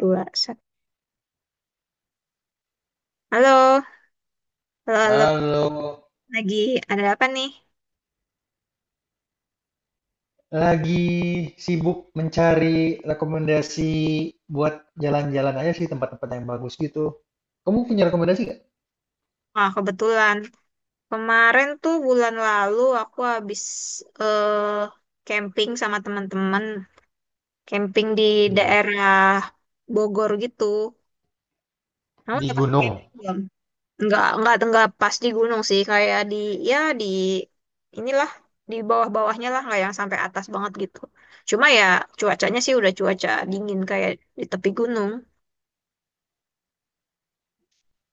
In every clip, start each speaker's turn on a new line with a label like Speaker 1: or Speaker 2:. Speaker 1: Dua satu. Halo, halo, halo.
Speaker 2: Halo,
Speaker 1: Lagi ada apa nih?
Speaker 2: lagi sibuk mencari rekomendasi buat jalan-jalan aja sih tempat-tempat yang bagus gitu. Kamu punya rekomendasi nggak?
Speaker 1: Wah, kebetulan kemarin tuh bulan lalu aku habis eh, camping sama teman-teman, camping di
Speaker 2: Di mana?
Speaker 1: daerah Bogor gitu. Kamu
Speaker 2: Di
Speaker 1: udah pernah
Speaker 2: gunung.
Speaker 1: camping belum? Nggak, nggak, nggak, pas di gunung sih, kayak di, ya di, inilah, di bawah-bawahnya lah, nggak yang sampai atas banget gitu. Cuma ya, cuacanya sih udah cuaca dingin kayak di tepi gunung.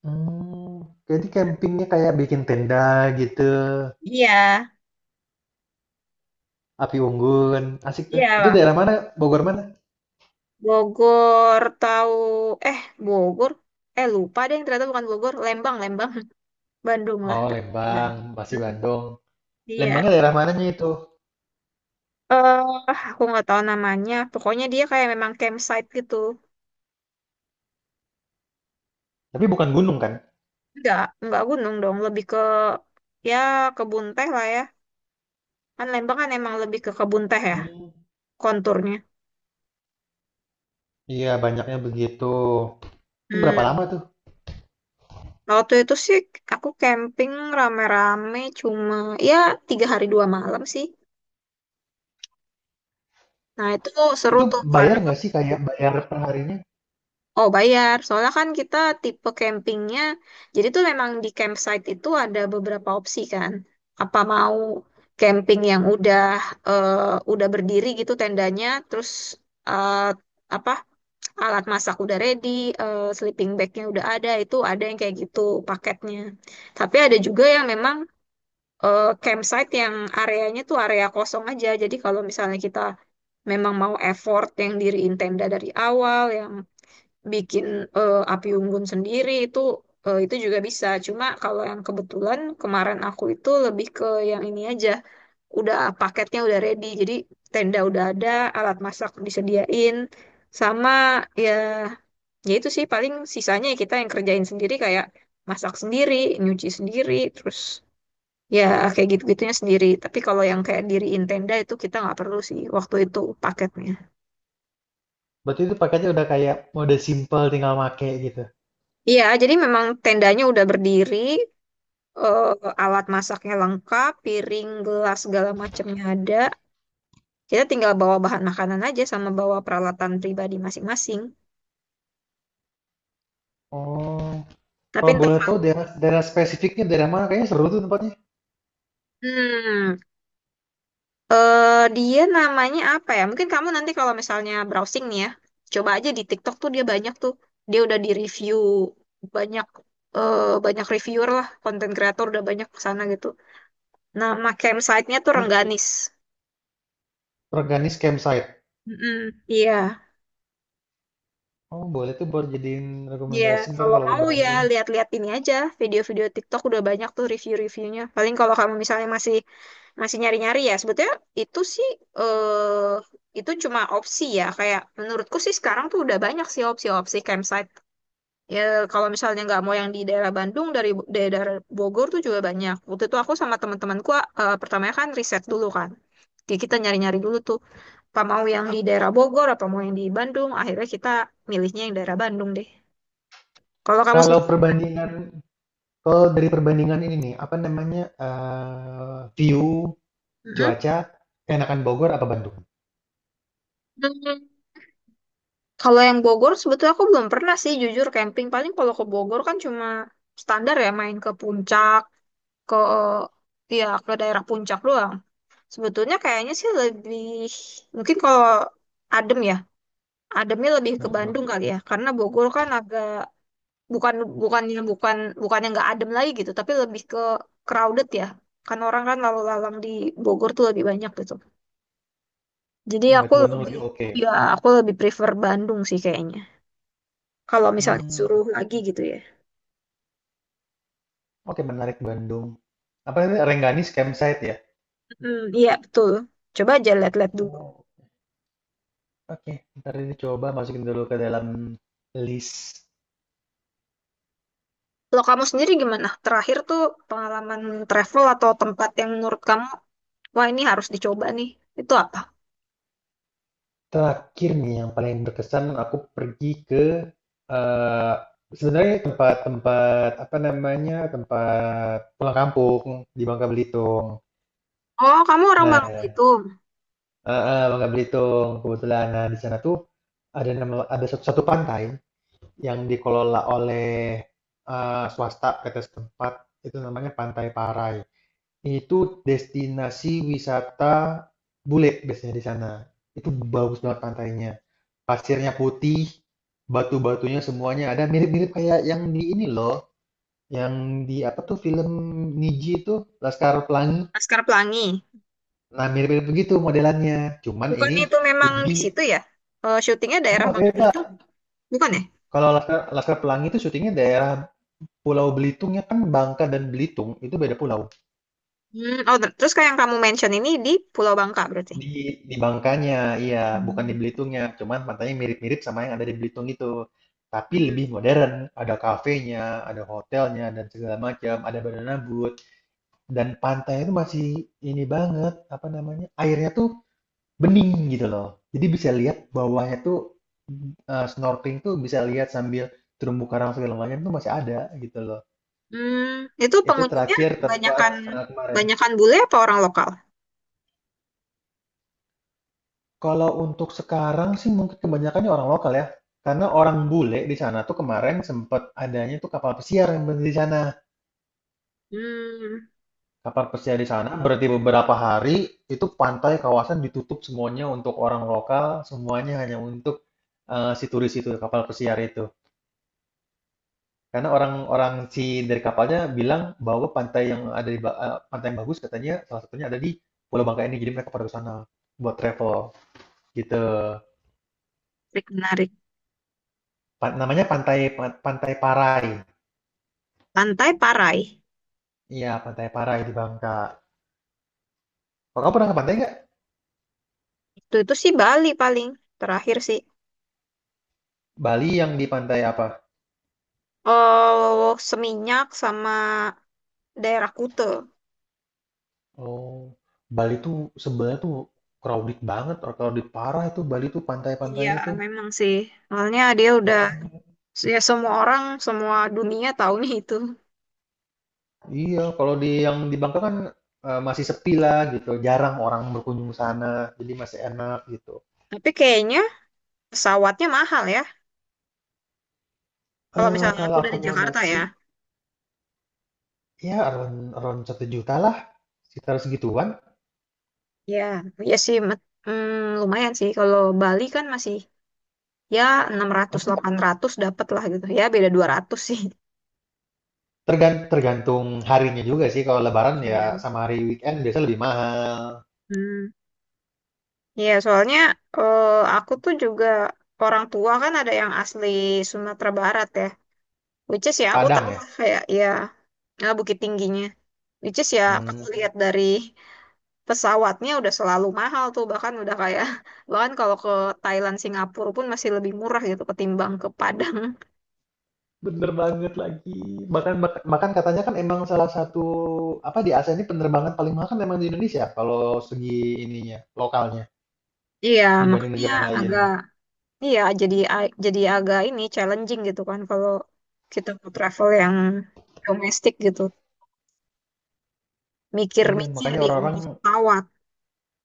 Speaker 2: Hmm, jadi campingnya kayak bikin tenda gitu,
Speaker 1: Iya.
Speaker 2: api unggun, asik tuh. Itu
Speaker 1: Iya.
Speaker 2: daerah mana? Bogor mana?
Speaker 1: Bogor, tahu? Eh, Bogor, eh, lupa deh, ternyata bukan Bogor, Lembang, Lembang. Bandung lah.
Speaker 2: Oh,
Speaker 1: Mm,
Speaker 2: Lembang, pasti Bandung.
Speaker 1: iya.
Speaker 2: Lembangnya daerah mananya itu?
Speaker 1: Eh, aku nggak tahu namanya, pokoknya dia kayak memang campsite gitu.
Speaker 2: Tapi bukan gunung kan?
Speaker 1: Enggak gunung dong, lebih ke, ya, kebun teh lah ya. Kan Lembang kan emang lebih ke kebun teh ya,
Speaker 2: Hmm,
Speaker 1: konturnya.
Speaker 2: iya banyaknya begitu. Itu berapa lama
Speaker 1: hmm
Speaker 2: tuh?
Speaker 1: Nah, waktu itu sih aku camping rame-rame, cuma ya 3 hari 2 malam sih. Nah itu seru
Speaker 2: Itu
Speaker 1: tuh karena.
Speaker 2: bayar nggak sih kayak bayar perharinya?
Speaker 1: Oh, bayar. Soalnya kan kita tipe campingnya, jadi tuh memang di campsite itu ada beberapa opsi kan. Apa mau camping yang udah, eh, udah berdiri gitu tendanya, terus, eh, apa, alat masak udah ready, eh, sleeping bagnya udah ada, itu ada yang kayak gitu paketnya. Tapi ada juga yang memang, eh, campsite yang areanya tuh area kosong aja. Jadi kalau misalnya kita memang mau effort yang diriin tenda dari awal, yang bikin, eh, api unggun sendiri itu, eh, itu juga bisa. Cuma kalau yang kebetulan kemarin aku itu lebih ke yang ini aja, udah paketnya udah ready. Jadi tenda udah ada, alat masak disediain, sama, ya, ya itu sih paling sisanya ya kita yang kerjain sendiri kayak masak sendiri, nyuci sendiri, terus ya kayak gitu-gitunya sendiri. Tapi kalau yang kayak diriin tenda itu kita nggak perlu sih waktu itu paketnya.
Speaker 2: Berarti itu paketnya udah kayak mode simple tinggal make gitu.
Speaker 1: Iya, jadi memang tendanya udah berdiri, eh, alat masaknya lengkap, piring, gelas, segala macamnya ada. Kita tinggal bawa bahan makanan aja sama bawa peralatan pribadi masing-masing.
Speaker 2: Oh,
Speaker 1: Tapi
Speaker 2: kalau
Speaker 1: entar,
Speaker 2: boleh tahu daerah daerah spesifiknya daerah mana? Kayaknya seru tuh tempatnya.
Speaker 1: hmm, eh, dia namanya apa ya? Mungkin kamu nanti kalau misalnya browsing nih ya, coba aja di TikTok tuh dia banyak tuh. Dia udah di-review banyak, eh, banyak reviewer lah, konten kreator udah banyak kesana gitu. Nama campsite-nya tuh
Speaker 2: Di
Speaker 1: Rengganis.
Speaker 2: Organis Campsite.
Speaker 1: Mm-mm, iya.
Speaker 2: Oh, boleh tuh buat jadiin
Speaker 1: Iya,
Speaker 2: rekomendasi ntar
Speaker 1: kalau
Speaker 2: kalau ke
Speaker 1: mau ya
Speaker 2: Bandung.
Speaker 1: lihat-lihat ini aja, video-video TikTok udah banyak tuh review-reviewnya. Paling kalau kamu misalnya masih masih nyari-nyari ya, sebetulnya itu sih, eh, itu cuma opsi ya. Kayak menurutku sih sekarang tuh udah banyak sih opsi-opsi campsite. Ya kalau misalnya nggak mau yang di daerah Bandung, dari daerah Bogor tuh juga banyak. Waktu itu aku sama teman-temanku, eh, pertamanya kan riset dulu kan. Kayak kita nyari-nyari dulu tuh, apa mau yang di daerah Bogor, apa mau yang di Bandung. Akhirnya kita milihnya yang daerah Bandung deh. Kalau kamu
Speaker 2: Kalau
Speaker 1: sendiri.
Speaker 2: perbandingan, kalau dari perbandingan ini nih, apa namanya, view,
Speaker 1: Mm-mm.
Speaker 2: cuaca, enakan Bogor apa Bandung?
Speaker 1: Hmm, kalau yang Bogor sebetulnya aku belum pernah sih jujur camping. Paling kalau ke Bogor kan cuma standar ya main ke puncak, ke, ya ke daerah puncak doang. Sebetulnya kayaknya sih lebih mungkin kalau adem ya, ademnya lebih ke Bandung
Speaker 2: Mm-mm.
Speaker 1: kali ya. Karena Bogor kan agak bukan bukannya bukan bukannya nggak adem lagi gitu, tapi lebih ke crowded ya. Kan orang kan lalu-lalang di Bogor tuh lebih banyak gitu. Jadi aku
Speaker 2: Berarti Bandung
Speaker 1: lebih,
Speaker 2: lebih oke.
Speaker 1: ya aku lebih prefer Bandung sih kayaknya. Kalau misalnya
Speaker 2: Hmm,
Speaker 1: disuruh lagi gitu ya.
Speaker 2: oke menarik Bandung. Apa namanya, Rengganis Campsite ya?
Speaker 1: Hmm, iya betul. Coba aja lihat-lihat dulu.
Speaker 2: Oh. Oke, ntar ini coba masukin dulu ke dalam list.
Speaker 1: Kalau kamu sendiri gimana? Terakhir tuh pengalaman travel atau tempat yang menurut kamu, wah ini harus dicoba nih. Itu apa?
Speaker 2: Terakhir nih yang paling berkesan aku pergi ke eh sebenarnya tempat-tempat apa namanya tempat pulang kampung di Bangka Belitung.
Speaker 1: Oh, kamu orang Bangka
Speaker 2: Nah,
Speaker 1: itu.
Speaker 2: Bangka Belitung kebetulan nah, di sana tuh ada nama ada satu pantai yang dikelola oleh swasta PT setempat itu namanya Pantai Parai. Itu destinasi wisata bule biasanya di sana. Itu bagus banget pantainya. Pasirnya putih, batu-batunya semuanya ada mirip-mirip kayak yang di ini loh, yang di apa tuh film Niji itu Laskar Pelangi.
Speaker 1: Laskar Pelangi.
Speaker 2: Nah, mirip-mirip begitu modelannya. Cuman
Speaker 1: Bukan
Speaker 2: ini
Speaker 1: itu memang di
Speaker 2: lebih
Speaker 1: situ ya? Eh, syutingnya daerah
Speaker 2: enggak
Speaker 1: Bangka
Speaker 2: beda.
Speaker 1: bukan ya?
Speaker 2: Kalau Laskar Pelangi itu syutingnya daerah Pulau Belitung ya kan Bangka dan Belitung itu beda pulau.
Speaker 1: Oh, terus kayak yang kamu mention ini di Pulau Bangka berarti.
Speaker 2: Di di Bangkanya, iya, bukan di
Speaker 1: Hmm.
Speaker 2: Belitungnya. Cuman pantainya mirip-mirip sama yang ada di Belitung itu. Tapi
Speaker 1: Mhm.
Speaker 2: lebih modern, ada kafenya, ada hotelnya dan segala macam, ada banana boat dan pantai itu masih ini banget, apa namanya? Airnya tuh bening gitu loh. Jadi bisa lihat bawahnya tuh snorkeling tuh bisa lihat sambil terumbu karang segala macam tuh masih ada gitu loh.
Speaker 1: Hmm, itu
Speaker 2: Itu
Speaker 1: pengunjungnya
Speaker 2: terakhir tempat
Speaker 1: banyakan
Speaker 2: kemarin.
Speaker 1: banyakan bule apa orang lokal?
Speaker 2: Kalau untuk sekarang sih mungkin kebanyakannya orang lokal ya, karena orang bule di sana tuh kemarin sempet adanya tuh kapal pesiar yang berhenti di sana.
Speaker 1: Hmm,
Speaker 2: Kapal pesiar di sana berarti beberapa hari itu pantai kawasan ditutup semuanya untuk orang lokal, semuanya hanya untuk si turis itu kapal pesiar itu. Karena orang-orang si dari kapalnya bilang bahwa pantai yang ada di pantai yang bagus katanya salah satunya ada di Pulau Bangka ini, jadi mereka pada ke sana buat travel gitu.
Speaker 1: menarik, menarik.
Speaker 2: Namanya pantai Pantai Parai.
Speaker 1: Pantai Parai.
Speaker 2: Iya, Pantai Parai di Bangka. Oh, kamu pernah ke pantai nggak?
Speaker 1: Itu sih Bali paling terakhir sih.
Speaker 2: Bali yang di pantai apa?
Speaker 1: Oh, Seminyak sama daerah Kute.
Speaker 2: Oh, Bali tuh sebenarnya tuh crowded banget, or crowded parah itu Bali tuh
Speaker 1: Iya,
Speaker 2: pantai-pantainya tuh
Speaker 1: memang sih. Soalnya dia udah,
Speaker 2: ramai.
Speaker 1: ya semua orang, semua dunia tahu nih itu.
Speaker 2: Iya, kalau di yang di Bangka kan masih sepi lah gitu, jarang orang berkunjung ke sana, jadi masih enak gitu.
Speaker 1: Tapi kayaknya pesawatnya mahal ya. Kalau misalnya
Speaker 2: Kalau
Speaker 1: aku dari Jakarta
Speaker 2: akomodasi
Speaker 1: ya.
Speaker 2: ya around around 1 juta lah, sekitar segituan.
Speaker 1: Ya, ya sih lumayan sih. Kalau Bali kan masih ya 600
Speaker 2: Emang
Speaker 1: 800 dapat lah gitu. Ya beda 200 sih.
Speaker 2: tergantung harinya juga sih. Kalau Lebaran ya
Speaker 1: Iya.
Speaker 2: sama hari weekend biasa lebih mahal.
Speaker 1: Hmm. Iya, soalnya, eh, aku tuh juga orang tua kan ada yang asli Sumatera Barat ya. Which is ya aku tahu
Speaker 2: Padang ya?
Speaker 1: lah kayak ya, eh, Bukit Tingginya. Which is ya kalau
Speaker 2: hmm
Speaker 1: lihat dari pesawatnya udah selalu mahal tuh bahkan udah kayak bahkan kalau ke Thailand Singapura pun masih lebih murah gitu ketimbang ke Padang.
Speaker 2: Bener banget lagi. Bahkan bahkan bahkan katanya kan emang salah satu, apa, di Asia ini penerbangan paling mahal kan memang di Indonesia kalau segi ininya, lokalnya,
Speaker 1: Iya,
Speaker 2: dibanding
Speaker 1: makanya
Speaker 2: negara lain.
Speaker 1: agak, iya jadi agak ini challenging gitu kan kalau kita mau travel yang domestik gitu.
Speaker 2: Iya,
Speaker 1: Mikir-mikir
Speaker 2: makanya
Speaker 1: di
Speaker 2: orang-orang
Speaker 1: ongkos pesawat.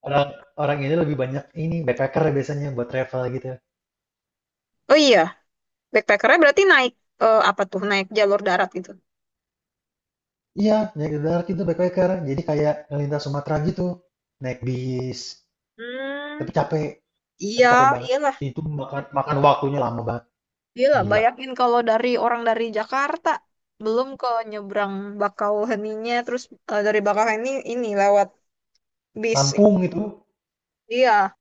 Speaker 2: orang orang ini lebih banyak ini, backpacker biasanya buat travel gitu.
Speaker 1: Oh iya, Backpackernya berarti naik, eh, apa tuh? Naik jalur darat gitu.
Speaker 2: Iya, naik darat itu backpacker. Jadi kayak ngelintas Sumatera gitu, naik bis,
Speaker 1: Hmm,
Speaker 2: tapi capek tapi
Speaker 1: iya,
Speaker 2: capek banget.
Speaker 1: iyalah,
Speaker 2: Itu makan makan waktunya lama banget,
Speaker 1: iyalah.
Speaker 2: gila.
Speaker 1: Bayangin kalau dari orang dari Jakarta belum ke nyebrang Bakauheninya, terus, eh, dari Bakauheni ini lewat bis.
Speaker 2: Lampung
Speaker 1: Iya,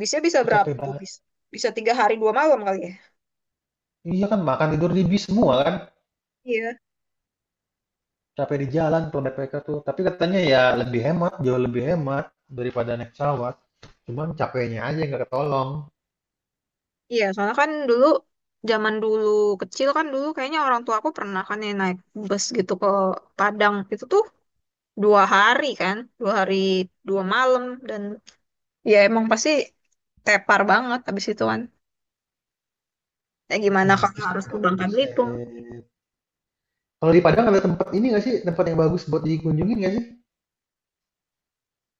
Speaker 1: bisnya bisa
Speaker 2: itu
Speaker 1: berapa
Speaker 2: capek
Speaker 1: tuh
Speaker 2: banget.
Speaker 1: bis? Bisa 3 hari 2 malam kali ya?
Speaker 2: Iya kan makan, tidur di bis semua kan.
Speaker 1: Iya,
Speaker 2: Capek di jalan kalau backpacker tuh. Tapi katanya ya lebih hemat, jauh lebih hemat daripada naik pesawat. Cuman capeknya aja yang nggak ketolong.
Speaker 1: iya. Soalnya kan dulu zaman dulu kecil kan dulu kayaknya orang tua aku pernah kan ya naik bus gitu ke Padang itu tuh 2 hari kan, 2 hari 2 malam dan ya emang pasti tepar banget abis itu kan. Ya gimana
Speaker 2: Ih, naik
Speaker 1: kalau
Speaker 2: bis ke
Speaker 1: harus ke
Speaker 2: Padang
Speaker 1: Bangka Belitung?
Speaker 2: buset. Kalau di Padang ada tempat ini nggak sih? Tempat yang bagus buat dikunjungin nggak sih?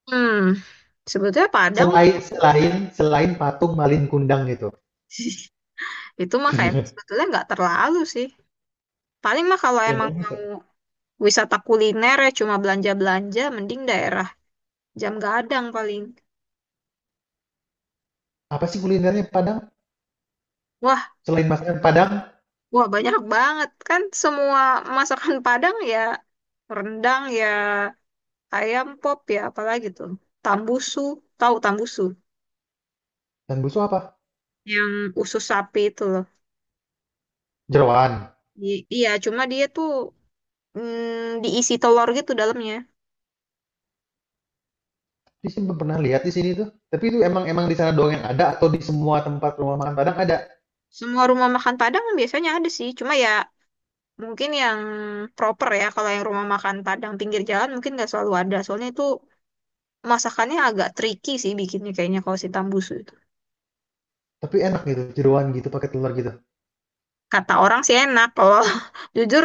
Speaker 1: Hmm, sebetulnya Padang
Speaker 2: Selain selain Selain patung Malin Kundang gitu.
Speaker 1: itu mah kayak sebetulnya nggak terlalu sih. Paling mah kalau
Speaker 2: Yang
Speaker 1: emang
Speaker 2: bagus
Speaker 1: mau
Speaker 2: apa?
Speaker 1: wisata kuliner ya cuma belanja-belanja, mending daerah Jam Gadang paling.
Speaker 2: Apa sih kulinernya Padang?
Speaker 1: Wah,
Speaker 2: Selain masakan Padang
Speaker 1: wah banyak banget kan semua masakan Padang ya, rendang ya, ayam pop ya, apalagi tuh, tambusu, tahu tambusu,
Speaker 2: dan busuk apa?
Speaker 1: yang usus sapi itu loh.
Speaker 2: Jeroan.
Speaker 1: Iya cuma dia tuh, diisi telur gitu dalamnya.
Speaker 2: Di sini belum pernah lihat di sini tuh. Tapi itu emang emang di sana doang yang ada atau di semua tempat rumah makan Padang ada.
Speaker 1: Semua rumah makan Padang biasanya ada sih, cuma ya mungkin yang proper ya. Kalau yang rumah makan Padang pinggir jalan mungkin nggak selalu ada. Soalnya itu masakannya agak tricky sih bikinnya kayaknya kalau si tambusu itu.
Speaker 2: Tapi enak gitu, jeroan gitu pakai telur gitu.
Speaker 1: Kata orang sih enak, kalau jujur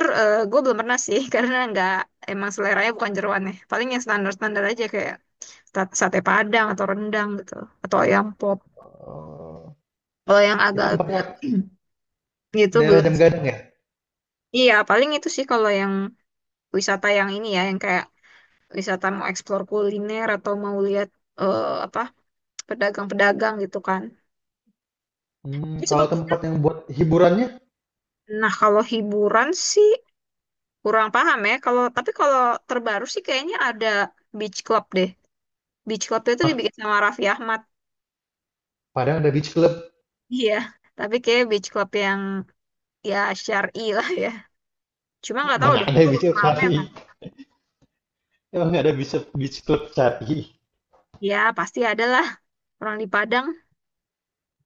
Speaker 1: gue belum pernah sih karena nggak, emang seleranya bukan jeroannya. Paling yang standar-standar aja kayak sate Padang atau rendang gitu atau ayam pop.
Speaker 2: Oh,
Speaker 1: Kalau yang
Speaker 2: itu
Speaker 1: agak
Speaker 2: tempatnya
Speaker 1: gitu
Speaker 2: daerah
Speaker 1: belum
Speaker 2: Jam
Speaker 1: sih.
Speaker 2: Gadang ya?
Speaker 1: Iya, paling itu sih kalau yang wisata yang ini ya, yang kayak wisata mau eksplor kuliner atau mau lihat, eh, apa, pedagang-pedagang gitu kan.
Speaker 2: Hmm,
Speaker 1: Tapi
Speaker 2: kalau
Speaker 1: sebetulnya,
Speaker 2: tempat yang buat hiburannya,
Speaker 1: nah kalau hiburan sih kurang paham ya. Kalau tapi kalau terbaru sih kayaknya ada beach club deh. Beach club itu dibikin sama Raffi Ahmad.
Speaker 2: Padang ada beach club.
Speaker 1: Iya, tapi kayak beach club yang, ya, syar'i lah ya. Cuma nggak tahu
Speaker 2: Mana
Speaker 1: deh,
Speaker 2: ada
Speaker 1: itu
Speaker 2: beach club
Speaker 1: rame
Speaker 2: Sapi?
Speaker 1: kan?
Speaker 2: Emang nggak ada beach club Sapi?
Speaker 1: Ya pasti ada lah orang di Padang.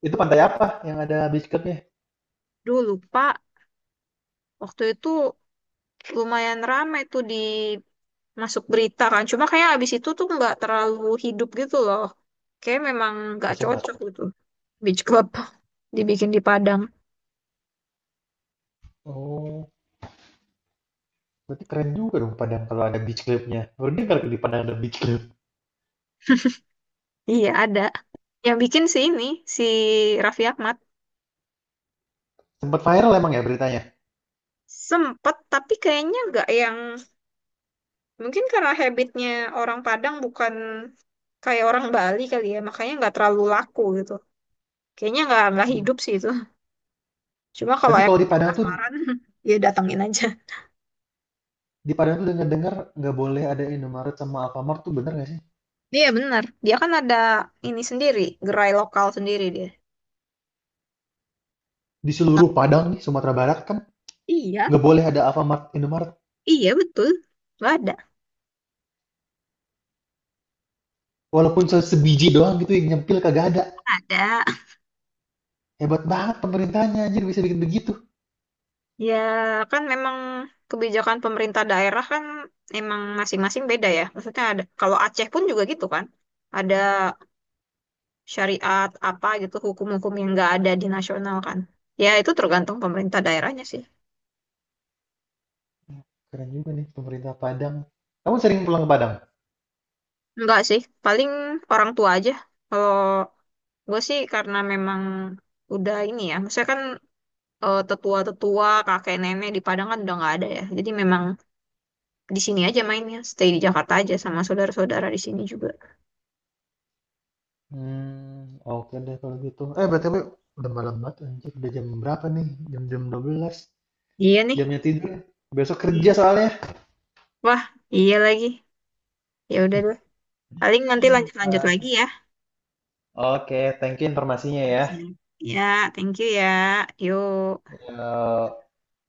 Speaker 2: Itu pantai apa yang ada beach clubnya?
Speaker 1: Duh lupa, waktu itu lumayan rame tuh di masuk berita kan. Cuma kayak abis itu tuh nggak terlalu hidup gitu loh. Kayak memang nggak
Speaker 2: Langsung
Speaker 1: cocok
Speaker 2: mati.
Speaker 1: gitu. Beach Club dibikin di Padang.
Speaker 2: Oh, berarti keren juga dong Padang kalau ada beach clubnya. Baru dengar di Padang ada beach club.
Speaker 1: Iya ada. Yang bikin si ini, si Raffi Ahmad
Speaker 2: Sempat viral emang ya beritanya.
Speaker 1: sempet tapi kayaknya nggak yang mungkin karena habitnya orang Padang bukan kayak orang Bali kali ya makanya nggak terlalu laku gitu. Kayaknya nggak
Speaker 2: Hmm.
Speaker 1: hidup sih itu. Cuma kalau
Speaker 2: Tapi kalau
Speaker 1: emang penasaran ya datangin aja.
Speaker 2: di Padang tuh dengar-dengar nggak boleh ada Indomaret sama Alfamart tuh bener nggak sih?
Speaker 1: Iya benar. Dia kan ada ini sendiri, gerai lokal sendiri dia.
Speaker 2: Di seluruh Padang nih, Sumatera Barat kan
Speaker 1: Iya,
Speaker 2: nggak boleh ada Alfamart Indomaret.
Speaker 1: iya betul. Nggak ada.
Speaker 2: Walaupun sebiji doang gitu yang nyempil kagak ada.
Speaker 1: Ada.
Speaker 2: Hebat banget pemerintahnya anjir bisa bikin begitu.
Speaker 1: Ya kan memang kebijakan pemerintah daerah kan emang masing-masing beda ya. Maksudnya ada, kalau Aceh pun juga gitu kan. Ada syariat apa gitu, hukum-hukum yang nggak ada di nasional kan. Ya itu tergantung pemerintah daerahnya sih.
Speaker 2: Keren juga nih pemerintah Padang. Kamu sering pulang ke Padang?
Speaker 1: Enggak sih, paling orang tua aja. Kalau gue sih karena memang udah ini ya. Maksudnya kan, eh, tetua-tetua, kakek nenek di Padang kan udah nggak ada ya. Jadi memang di sini aja mainnya, stay di Jakarta aja sama saudara-saudara di sini juga.
Speaker 2: Hmm, oke deh kalau gitu. Berarti udah malam banget anjir. Udah jam berapa nih? Jam-jam 12?
Speaker 1: Iya nih.
Speaker 2: Jamnya tidur, ya? Besok
Speaker 1: Iya.
Speaker 2: kerja soalnya.
Speaker 1: Wah, iya lagi. Ya udah deh. Paling nanti
Speaker 2: Eh,
Speaker 1: lanjut-lanjut lagi ya.
Speaker 2: Oke, thank you informasinya ya.
Speaker 1: Siap. Ya, thank you ya. Yuk.
Speaker 2: Ya,